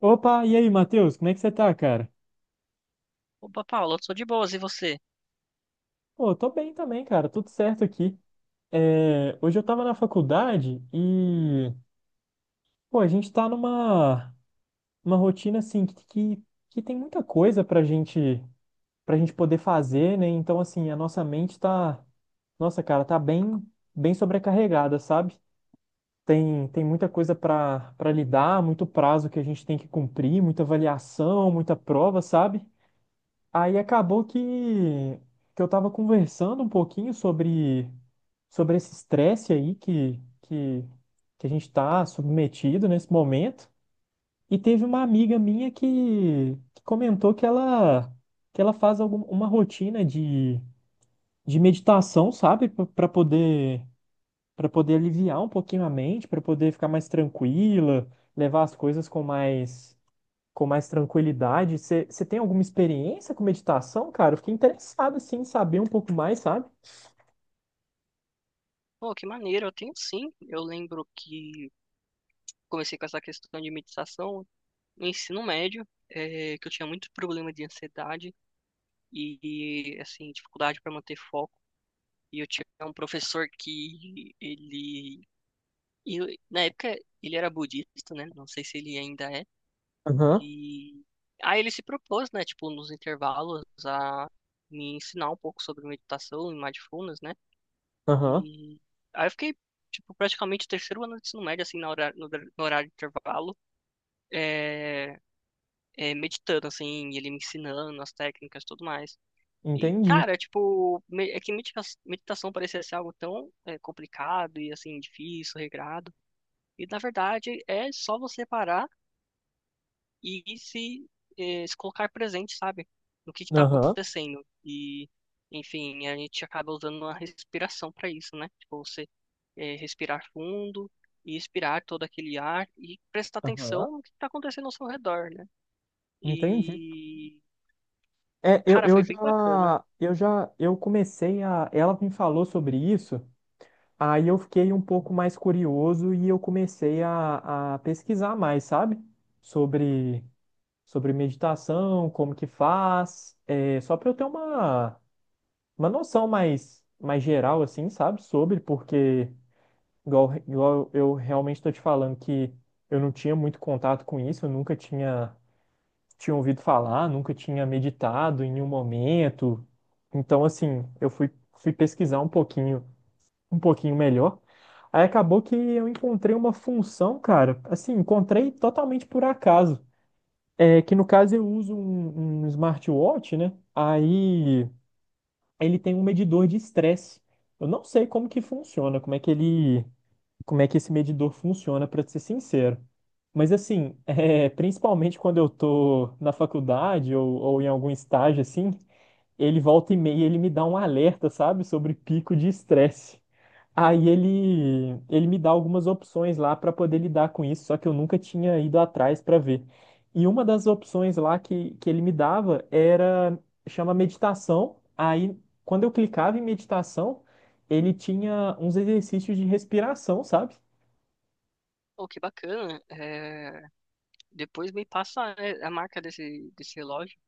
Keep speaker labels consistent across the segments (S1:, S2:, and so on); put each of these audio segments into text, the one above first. S1: Opa, e aí, Matheus, como é que você tá, cara?
S2: Opa, Paula, eu sou de boas, e você?
S1: Pô, tô bem também, cara, tudo certo aqui. É, hoje eu tava na faculdade e, pô, a gente tá numa uma rotina, assim, que tem muita coisa pra gente poder fazer, né? Então, assim, a nossa mente tá, nossa, cara, tá bem, bem sobrecarregada, sabe? Tem muita coisa pra lidar, muito prazo que a gente tem que cumprir, muita avaliação, muita prova, sabe? Aí acabou que eu tava conversando um pouquinho sobre esse estresse aí que a gente tá submetido nesse momento. E teve uma amiga minha que comentou que ela faz uma rotina de meditação, sabe? Para poder aliviar um pouquinho a mente, para poder ficar mais tranquila, levar as coisas com mais tranquilidade. Você tem alguma experiência com meditação, cara? Eu fiquei interessado, assim, em saber um pouco mais, sabe?
S2: Pô, que maneiro, eu tenho sim. Eu lembro que comecei com essa questão de meditação no ensino médio, que eu tinha muito problema de ansiedade e, e assim, dificuldade para manter foco. E eu tinha um professor que na época, ele era budista, né? Não sei se ele ainda é.
S1: Aham,
S2: E aí ele se propôs, né, tipo, nos intervalos a me ensinar um pouco sobre meditação e mindfulness, né?
S1: aham,
S2: E aí eu fiquei, tipo, praticamente o terceiro ano do ensino médio, assim, na hora, no horário de intervalo, é, meditando, assim, e ele me ensinando as técnicas e tudo mais. E,
S1: entendi.
S2: cara, tipo, meditação parecia ser algo tão complicado e, assim, difícil, regrado. E, na verdade, é só você parar e se colocar presente, sabe? No que está
S1: Aham,
S2: acontecendo. E, enfim, a gente acaba usando uma respiração para isso, né? Tipo, você respirar fundo e expirar todo aquele ar e prestar
S1: aham,
S2: atenção no que está acontecendo ao seu redor, né?
S1: entendi.
S2: E, cara, foi bem bacana.
S1: Ela me falou sobre isso, aí eu fiquei um pouco mais curioso e eu comecei a pesquisar mais, sabe? Sobre, sobre meditação, como que faz, é, só para eu ter uma noção mais geral, assim, sabe? Porque, igual eu realmente estou te falando que eu não tinha muito contato com isso, eu nunca tinha ouvido falar, nunca tinha meditado em nenhum momento. Então, assim, eu fui pesquisar um pouquinho melhor. Aí acabou que eu encontrei uma função, cara, assim, encontrei totalmente por acaso. É que no caso eu uso um smartwatch, né? Aí ele tem um medidor de estresse. Eu não sei como que funciona, como é que esse medidor funciona, para ser sincero. Mas assim, principalmente quando eu tô na faculdade ou em algum estágio assim, ele volta e meia, ele, me dá um alerta, sabe, sobre pico de estresse. Aí ele me dá algumas opções lá para poder lidar com isso, só que eu nunca tinha ido atrás para ver. E uma das opções lá que ele me dava era, chama meditação. Aí, quando eu clicava em meditação, ele tinha uns exercícios de respiração, sabe?
S2: Oh, que bacana. Depois me passa a marca desse relógio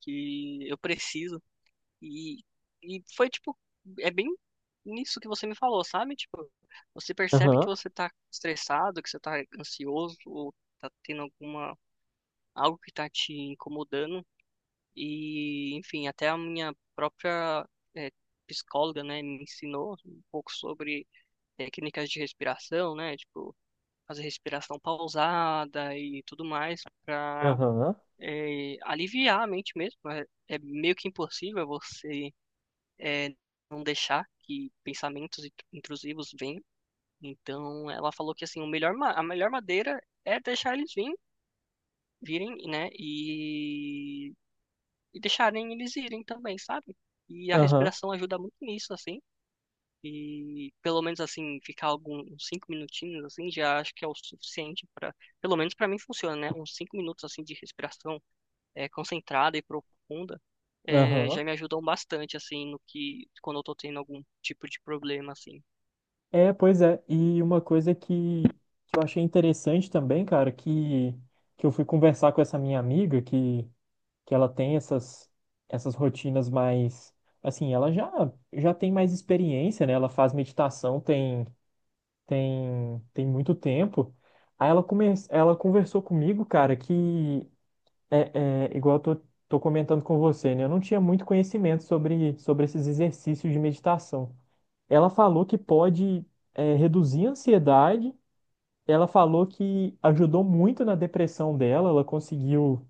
S2: que eu preciso. E, e foi tipo, é bem nisso que você me falou, sabe? Tipo, você percebe que
S1: Aham,
S2: você tá estressado, que você tá ansioso, ou tá tendo algo que tá te incomodando. E, enfim, até a minha própria eh, psicóloga, né, me ensinou um pouco sobre técnicas de respiração, né? Tipo, fazer respiração pausada e tudo mais pra
S1: aham,
S2: aliviar a mente mesmo. É, é meio que impossível você é, não deixar que pensamentos intrusivos venham. Então, ela falou que assim, a melhor madeira é deixar eles virem, virem, né? E deixarem eles irem também, sabe? E a
S1: aham,
S2: respiração ajuda muito nisso, assim. E pelo menos assim, ficar alguns uns cinco minutinhos assim, já acho que é o suficiente para, pelo menos para mim funciona, né? Uns cinco minutos assim de respiração concentrada e profunda
S1: aham.
S2: já me ajudam bastante, assim, no que, quando eu tô tendo algum tipo de problema, assim.
S1: É, pois é. E uma coisa que eu achei interessante também, cara, que eu fui conversar com essa minha amiga, que ela tem essas rotinas mais assim, ela já tem mais experiência, né? Ela faz meditação tem muito tempo. Aí ela ela conversou comigo, cara, que é igual eu tô comentando com você, né? Eu não tinha muito conhecimento sobre esses exercícios de meditação. Ela falou que pode reduzir a ansiedade. Ela falou que ajudou muito na depressão dela, ela conseguiu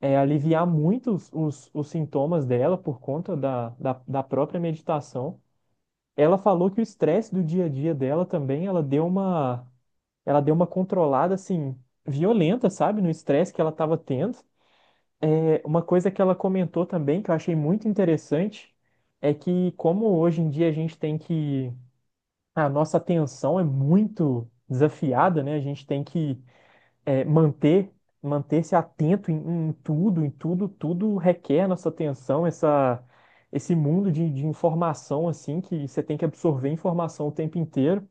S1: aliviar muito os sintomas dela por conta da própria meditação. Ela falou que o estresse do dia a dia dela também, ela deu uma controlada assim violenta, sabe, no estresse que ela estava tendo. É, uma coisa que ela comentou também que eu achei muito interessante é que como hoje em dia a gente tem que a nossa atenção é muito desafiada, né? A gente tem que é, manter manter-se atento em tudo, em tudo, tudo requer nossa atenção, essa esse mundo de informação assim que você tem que absorver informação o tempo inteiro.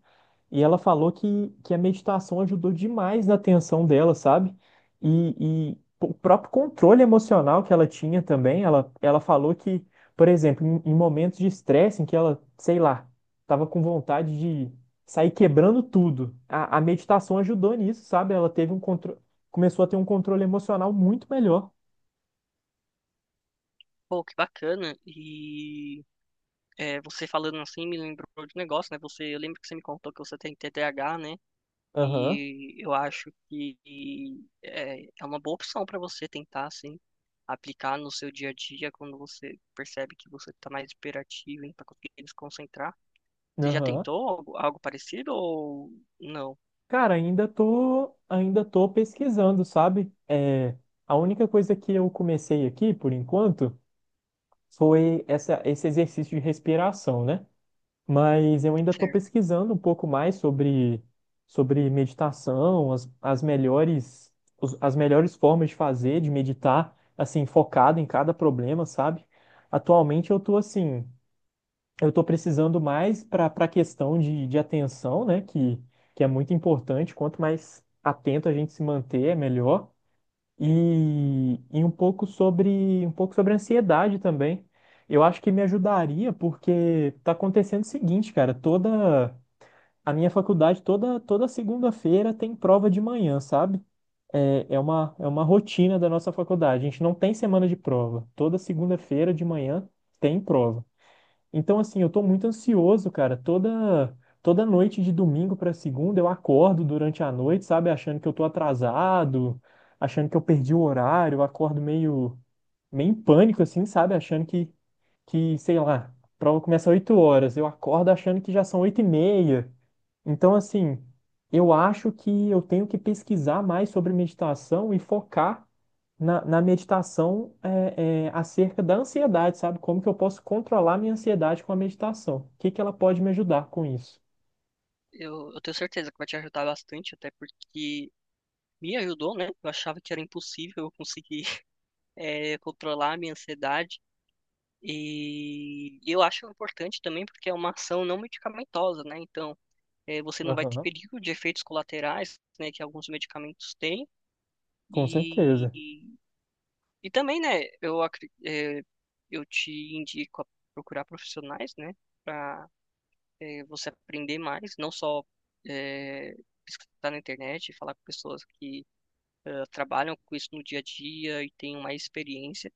S1: E ela falou que a meditação ajudou demais na atenção dela, sabe? E o próprio controle emocional que ela tinha também. Ela falou que, por exemplo, em momentos de estresse, em que ela, sei lá, estava com vontade de sair quebrando tudo, a meditação ajudou nisso, sabe? Ela teve um controle, começou a ter um controle emocional muito melhor.
S2: Pô, que bacana. E você falando assim me lembrou de um negócio, né? Você, eu lembro que você me contou que você tem TDAH, né?
S1: Aham,
S2: E eu acho que é uma boa opção para você tentar, assim, aplicar no seu dia a dia quando você percebe que você tá mais hiperativo e não tá conseguindo se concentrar. Você já
S1: aham.
S2: tentou algo parecido ou não?
S1: Cara, ainda tô pesquisando, sabe? É, a única coisa que eu comecei aqui, por enquanto, foi esse exercício de respiração, né? Mas eu ainda estou pesquisando um pouco mais sobre meditação, as melhores, as melhores formas de fazer, de meditar, assim, focado em cada problema, sabe? Atualmente eu estou assim, eu estou precisando mais para para a questão de atenção, né? Que é muito importante, quanto mais atento a gente se manter, é melhor e um pouco sobre ansiedade também. Eu acho que me ajudaria porque tá acontecendo o seguinte, cara, toda a minha faculdade toda segunda-feira tem prova de manhã, sabe? É uma rotina da nossa faculdade. A gente não tem semana de prova. Toda segunda-feira de manhã tem prova. Então, assim, eu tô muito ansioso, cara. Toda noite de domingo pra segunda eu acordo durante a noite, sabe, achando que eu tô atrasado, achando que eu perdi o horário, eu acordo meio em pânico assim, sabe, achando que, sei lá, a prova começa às 8 horas, eu acordo achando que já são 8h30. Então, assim, eu acho que eu tenho que pesquisar mais sobre meditação e focar na meditação acerca da ansiedade, sabe? Como que eu posso controlar minha ansiedade com a meditação? O que que ela pode me ajudar com isso?
S2: Eu tenho certeza que vai te ajudar bastante, até porque me ajudou, né? Eu achava que era impossível eu conseguir controlar a minha ansiedade. E eu acho importante também porque é uma ação não medicamentosa, né? Então, você não vai ter
S1: Aham,
S2: perigo de efeitos colaterais, né, que alguns medicamentos têm.
S1: com
S2: E,
S1: certeza.
S2: e, e também, né, eu te indico a procurar profissionais, né? É, você aprender mais, não só é, pesquisar na internet, falar com pessoas que trabalham com isso no dia a dia e têm mais experiência.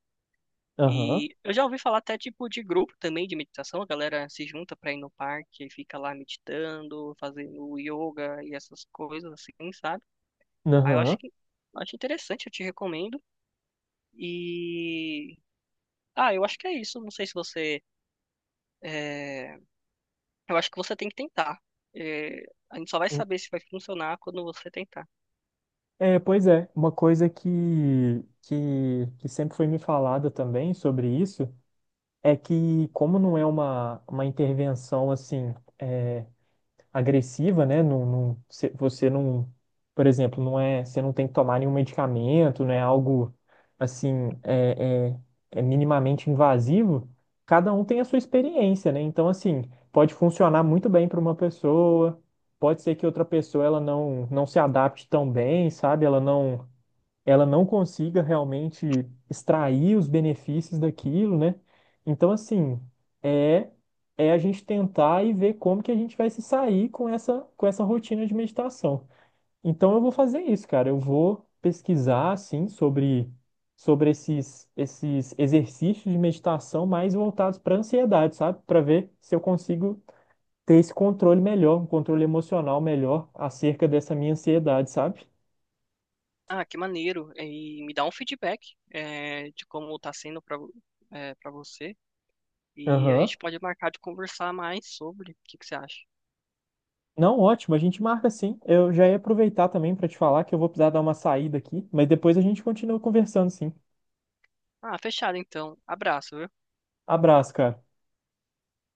S1: Aham,
S2: E eu já ouvi falar até tipo de grupo também de meditação, a galera se junta para ir no parque e fica lá meditando, fazendo yoga e essas coisas assim, sabe? Aí
S1: aham.
S2: eu acho interessante, eu te recomendo. E eu acho que é isso. Não sei se eh, eu acho que você tem que tentar. É, a gente só vai
S1: En-
S2: saber se vai funcionar quando você tentar.
S1: É, pois é, uma coisa que sempre foi me falada também sobre isso é que, como não é uma intervenção assim, é, agressiva, né? Não, não, você não, por exemplo, não é, você não tem que tomar nenhum medicamento, não é algo assim, é minimamente invasivo. Cada um tem a sua experiência, né? Então, assim, pode funcionar muito bem para uma pessoa, pode ser que outra pessoa ela não se adapte tão bem, sabe? Ela não consiga realmente extrair os benefícios daquilo, né? Então, assim, é é a gente tentar e ver como que a gente vai se sair com essa rotina de meditação. Então, eu vou fazer isso, cara. Eu vou pesquisar assim sobre esses exercícios de meditação mais voltados para ansiedade, sabe? Para ver se eu consigo ter esse controle melhor, um controle emocional melhor acerca dessa minha ansiedade, sabe?
S2: Ah, que maneiro. E me dá um feedback, é, de como tá sendo pra você. E a
S1: Aham.
S2: gente pode marcar de conversar mais sobre. O que que você acha?
S1: Não, ótimo, a gente marca sim. Eu já ia aproveitar também para te falar que eu vou precisar dar uma saída aqui, mas depois a gente continua conversando sim.
S2: Ah, fechado então. Abraço, viu?
S1: Abraço, cara.